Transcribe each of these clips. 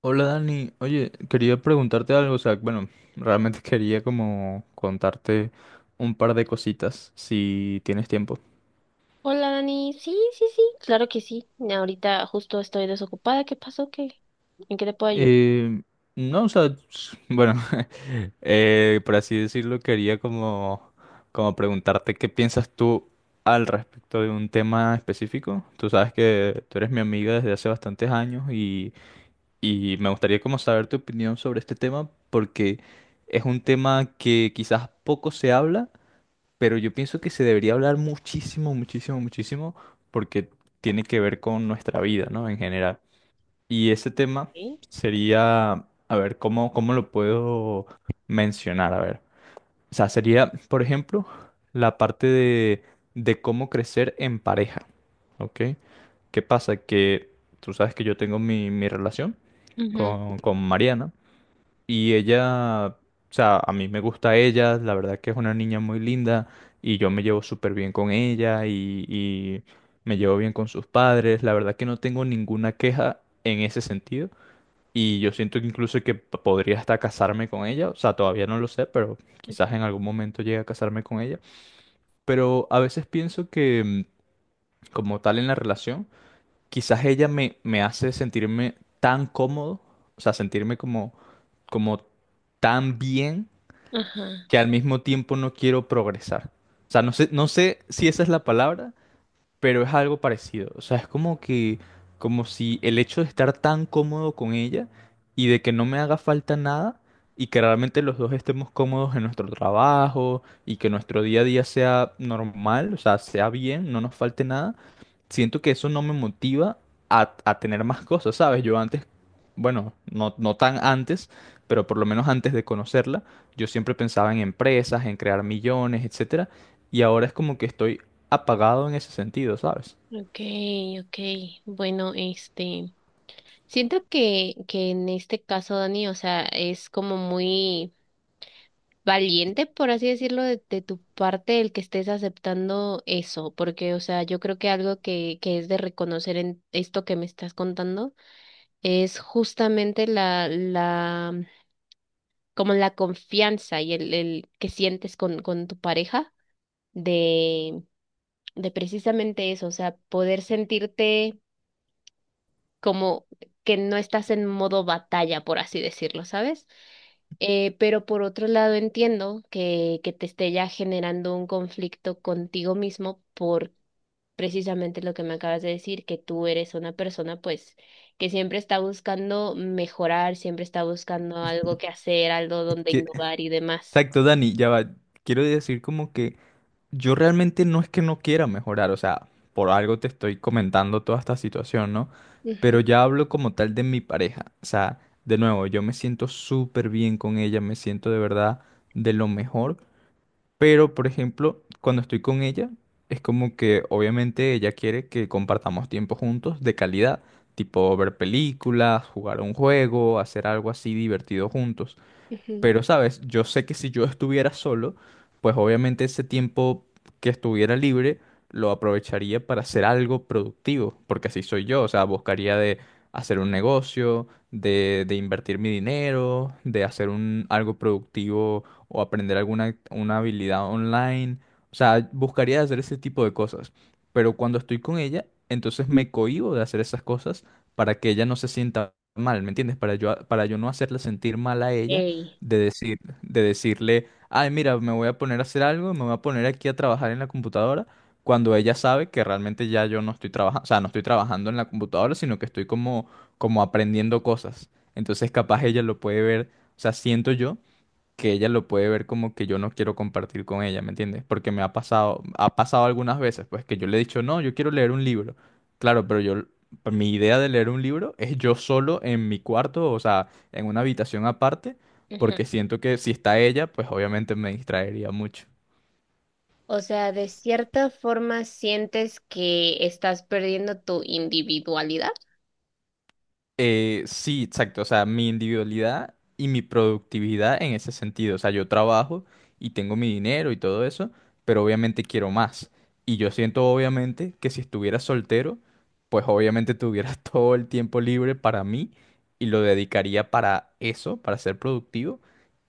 Hola Dani, oye, quería preguntarte algo, o sea, bueno, realmente quería como contarte un par de cositas, si tienes tiempo. Hola Dani, sí, sí, sí, claro que sí. Ahorita justo estoy desocupada. ¿Qué pasó? ¿Qué? ¿En qué te puedo ayudar? Eh, no, o sea, bueno, por así decirlo, quería como, como preguntarte qué piensas tú al respecto de un tema específico. Tú sabes que tú eres mi amiga desde hace bastantes años y me gustaría como saber tu opinión sobre este tema porque es un tema que quizás poco se habla, pero yo pienso que se debería hablar muchísimo, muchísimo, muchísimo, porque tiene que ver con nuestra vida, ¿no? En general. Y ese tema ¿Eh? sería, a ver, ¿cómo, cómo lo puedo mencionar? A ver, o sea, sería, por ejemplo, la parte de cómo crecer en pareja, ¿ok? ¿Qué pasa? Que tú sabes que yo tengo mi relación Ujú. con Mariana. Y ella, o sea, a mí me gusta ella, la verdad que es una niña muy linda y yo me llevo súper bien con ella y me llevo bien con sus padres, la verdad que no tengo ninguna queja en ese sentido y yo siento que incluso que podría hasta casarme con ella, o sea, todavía no lo sé, pero quizás en algún momento llegue a casarme con ella, pero a veces pienso que como tal en la relación, quizás ella me hace sentirme tan cómodo, o sea, sentirme como, como tan bien Ajá. que al mismo tiempo no quiero progresar. O sea, no sé, no sé si esa es la palabra, pero es algo parecido. O sea, es como que, como si el hecho de estar tan cómodo con ella y de que no me haga falta nada y que realmente los dos estemos cómodos en nuestro trabajo y que nuestro día a día sea normal, o sea, sea bien, no nos falte nada, siento que eso no me motiva a tener más cosas, ¿sabes? Yo antes, bueno, no, no tan antes, pero por lo menos antes de conocerla, yo siempre pensaba en empresas, en crear millones, etcétera. Y ahora es como que estoy apagado en ese sentido, ¿sabes? Okay, okay. Bueno, siento que en este caso, Dani, o sea, es como muy valiente, por así decirlo, de tu parte el que estés aceptando eso, porque, o sea, yo creo que algo que es de reconocer en esto que me estás contando es justamente la como la confianza y el que sientes con tu pareja de, de precisamente eso, o sea, poder sentirte como que no estás en modo batalla, por así decirlo, ¿sabes? Pero por otro lado entiendo que te esté ya generando un conflicto contigo mismo por precisamente lo que me acabas de decir, que tú eres una persona pues que siempre está buscando mejorar, siempre está buscando algo que hacer, algo donde Que, innovar y demás. exacto, Dani, ya va. Quiero decir como que yo realmente no es que no quiera mejorar, o sea, por algo te estoy comentando toda esta situación, ¿no? Pero ya hablo como tal de mi pareja, o sea, de nuevo, yo me siento súper bien con ella, me siento de verdad de lo mejor, pero por ejemplo, cuando estoy con ella, es como que obviamente ella quiere que compartamos tiempo juntos de calidad, tipo ver películas, jugar un juego, hacer algo así divertido juntos. Ujú. Pero, ¿sabes? Yo sé que si yo estuviera solo, pues obviamente ese tiempo que estuviera libre lo aprovecharía para hacer algo productivo, porque así soy yo, o sea, buscaría de hacer un negocio, de invertir mi dinero, de hacer un, algo productivo o aprender alguna una habilidad online, o sea, buscaría hacer ese tipo de cosas. Pero cuando estoy con ella, entonces me cohíbo de hacer esas cosas para que ella no se sienta mal, ¿me entiendes? Para yo no hacerla sentir mal a ella Ey. de decir, de decirle, ay, mira, me voy a poner a hacer algo, me voy a poner aquí a trabajar en la computadora, cuando ella sabe que realmente ya yo no estoy trabajando, o sea, no estoy trabajando en la computadora, sino que estoy como, como aprendiendo cosas. Entonces, capaz ella lo puede ver, o sea, siento yo que ella lo puede ver como que yo no quiero compartir con ella, ¿me entiendes? Porque me ha pasado algunas veces, pues que yo le he dicho, no, yo quiero leer un libro. Claro, pero yo, pues, mi idea de leer un libro es yo solo en mi cuarto, o sea, en una habitación aparte, Ajá. porque siento que si está ella, pues obviamente me distraería mucho. O sea, de cierta forma sientes que estás perdiendo tu individualidad. Sí, exacto. O sea, mi individualidad y mi productividad en ese sentido. O sea, yo trabajo y tengo mi dinero y todo eso, pero obviamente quiero más. Y yo siento obviamente que si estuviera soltero, pues obviamente tuviera todo el tiempo libre para mí y lo dedicaría para eso, para ser productivo.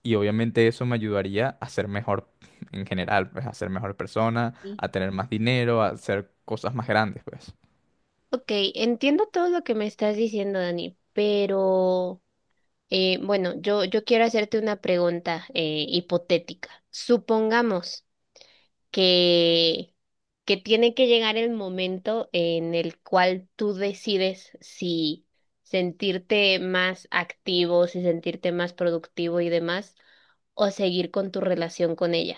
Y obviamente eso me ayudaría a ser mejor en general, pues a ser mejor persona, Sí. a tener más dinero, a hacer cosas más grandes, pues. Ok, entiendo todo lo que me estás diciendo, Dani, pero bueno, yo quiero hacerte una pregunta hipotética. Supongamos que, que tiene que llegar el momento en el cual tú decides si sentirte más activo, si sentirte más productivo y demás, o seguir con tu relación con ella.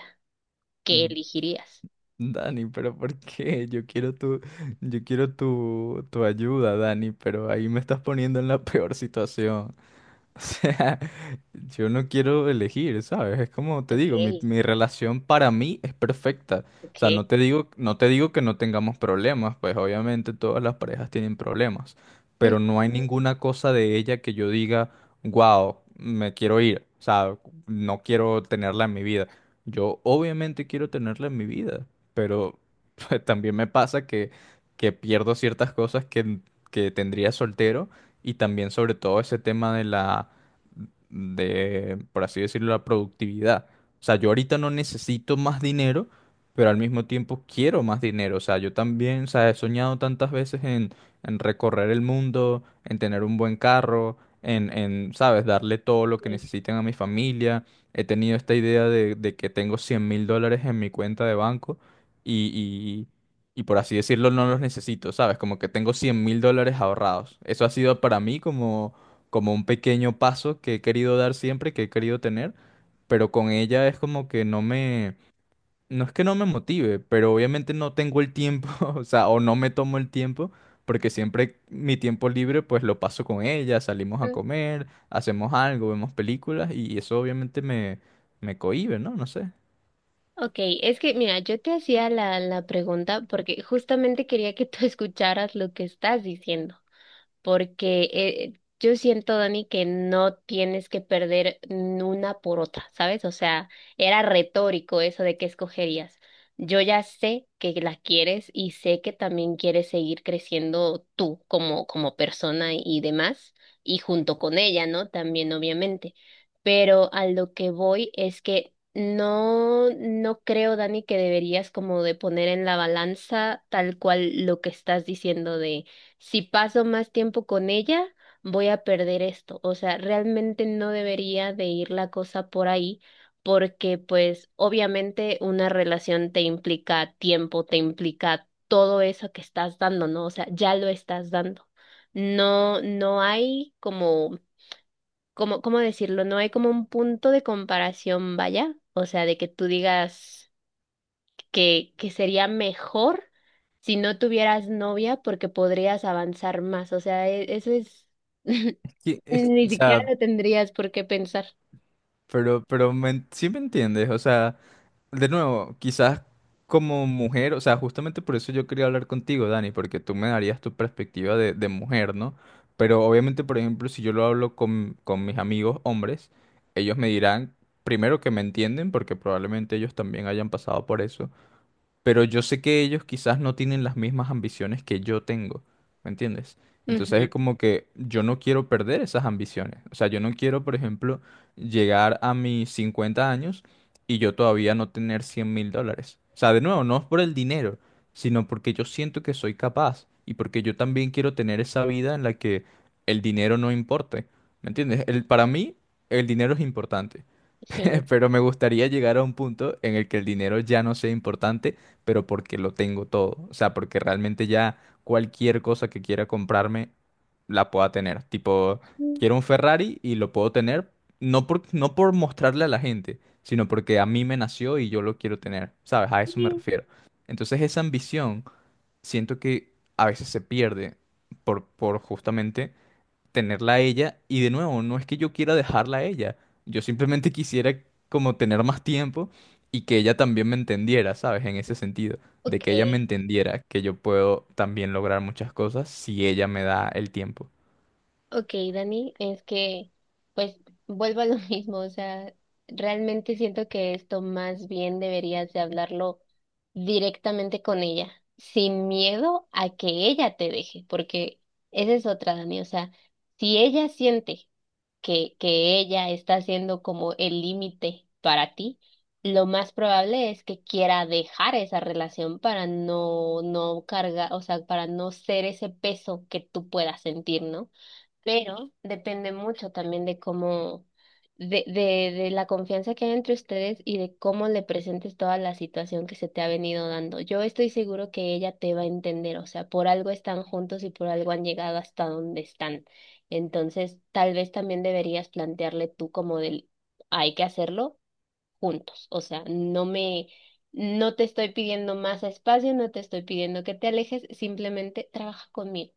¿Qué elegirías? Dani, pero ¿por qué? Yo quiero tu, tu ayuda, Dani, pero ahí me estás poniendo en la peor situación. O sea, yo no quiero elegir, ¿sabes? Es como te digo, Okay, mi relación para mí es perfecta. O sea, okay. No te digo que no tengamos problemas, pues obviamente todas las parejas tienen problemas, Mm. pero no hay ninguna cosa de ella que yo diga, wow, me quiero ir, o sea, no quiero tenerla en mi vida. Yo obviamente quiero tenerla en mi vida, pero pues, también me pasa que pierdo ciertas cosas que tendría soltero y también sobre todo ese tema de la, de, por así decirlo, la productividad. O sea, yo ahorita no necesito más dinero, pero al mismo tiempo quiero más dinero. O sea, yo también, o sea, he soñado tantas veces en recorrer el mundo, en tener un buen carro, en, ¿sabes?, darle todo lo que Sí. necesiten a mi familia. He tenido esta idea de que tengo $100.000 en mi cuenta de banco y, y por así decirlo no los necesito, ¿sabes? Como que tengo $100.000 ahorrados. Eso ha sido para mí como, como un pequeño paso que he querido dar siempre, que he querido tener, pero con ella es como que no me... No es que no me motive, pero obviamente no tengo el tiempo, o sea, o no me tomo el tiempo, porque siempre mi tiempo libre pues lo paso con ella, salimos a Mm. comer, hacemos algo, vemos películas y eso obviamente me, me cohíbe, ¿no? No sé. Ok, es que mira, yo te hacía la pregunta porque justamente quería que tú escucharas lo que estás diciendo, porque yo siento, Dani, que no tienes que perder n- una por otra, ¿sabes? O sea, era retórico eso de qué escogerías. Yo ya sé que la quieres y sé que también quieres seguir creciendo tú como persona y demás, y junto con ella, ¿no? También, obviamente. Pero a lo que voy es que no, no creo, Dani, que deberías como de poner en la balanza tal cual lo que estás diciendo, si paso más tiempo con ella, voy a perder esto. O sea, realmente no debería de ir la cosa por ahí, porque pues obviamente una relación te implica tiempo, te implica todo eso que estás dando, ¿no? O sea, ya lo estás dando. No no hay como, como, ¿cómo decirlo? No hay como un punto de comparación, vaya. O sea, de que tú digas que sería mejor si no tuvieras novia porque podrías avanzar más. O sea, e- eso es, Sí, ni o siquiera sea, lo tendrías por qué pensar. Pero me, sí me entiendes, o sea... De nuevo, quizás como mujer, o sea, justamente por eso yo quería hablar contigo, Dani, porque tú me darías tu perspectiva de mujer, ¿no? Pero obviamente, por ejemplo, si yo lo hablo con mis amigos hombres, ellos me dirán, primero que me entienden, porque probablemente ellos también hayan pasado por eso, pero yo sé que ellos quizás no tienen las mismas ambiciones que yo tengo, ¿me entiendes? Entonces es Ujú. como que yo no quiero perder esas ambiciones. O sea, yo no quiero, por ejemplo, llegar a mis 50 años y yo todavía no tener $100.000. O sea, de nuevo, no es por el dinero, sino porque yo siento que soy capaz y porque yo también quiero tener esa vida en la que el dinero no importe, ¿me entiendes? El, para mí, el dinero es importante. Sí. Pero me gustaría llegar a un punto en el que el dinero ya no sea importante, pero porque lo tengo todo. O sea, porque realmente ya cualquier cosa que quiera comprarme la pueda tener. Tipo, Mm, quiero un Ferrari y lo puedo tener, no por, no por mostrarle a la gente, sino porque a mí me nació y yo lo quiero tener. ¿Sabes? A eso me sí. refiero. Entonces esa ambición siento que a veces se pierde por justamente tenerla a ella y de nuevo, no es que yo quiera dejarla a ella, yo simplemente quisiera como tener más tiempo y que ella también me entendiera, ¿sabes? En ese sentido, de Ok, que ella me entendiera que yo puedo también lograr muchas cosas si ella me da el tiempo. ok, Dani, es que pues vuelvo a lo mismo, o sea, realmente siento que esto más bien deberías de hablarlo directamente con ella, sin miedo a que ella te deje, porque esa es otra, Dani, o sea, si ella siente que ella está siendo como el límite para ti, lo más probable es que quiera dejar esa relación para no, no cargar, o sea, para no ser ese peso que tú puedas sentir, ¿no? Pero depende mucho también de cómo, de la confianza que hay entre ustedes y de cómo le presentes toda la situación que se te ha venido dando. Yo estoy seguro que ella te va a entender, o sea, por algo están juntos y por algo han llegado hasta donde están. Entonces, tal vez también deberías plantearle tú como del, hay que hacerlo juntos, o sea, no me... No te estoy pidiendo más espacio, no te estoy pidiendo que te alejes, simplemente trabaja conmigo.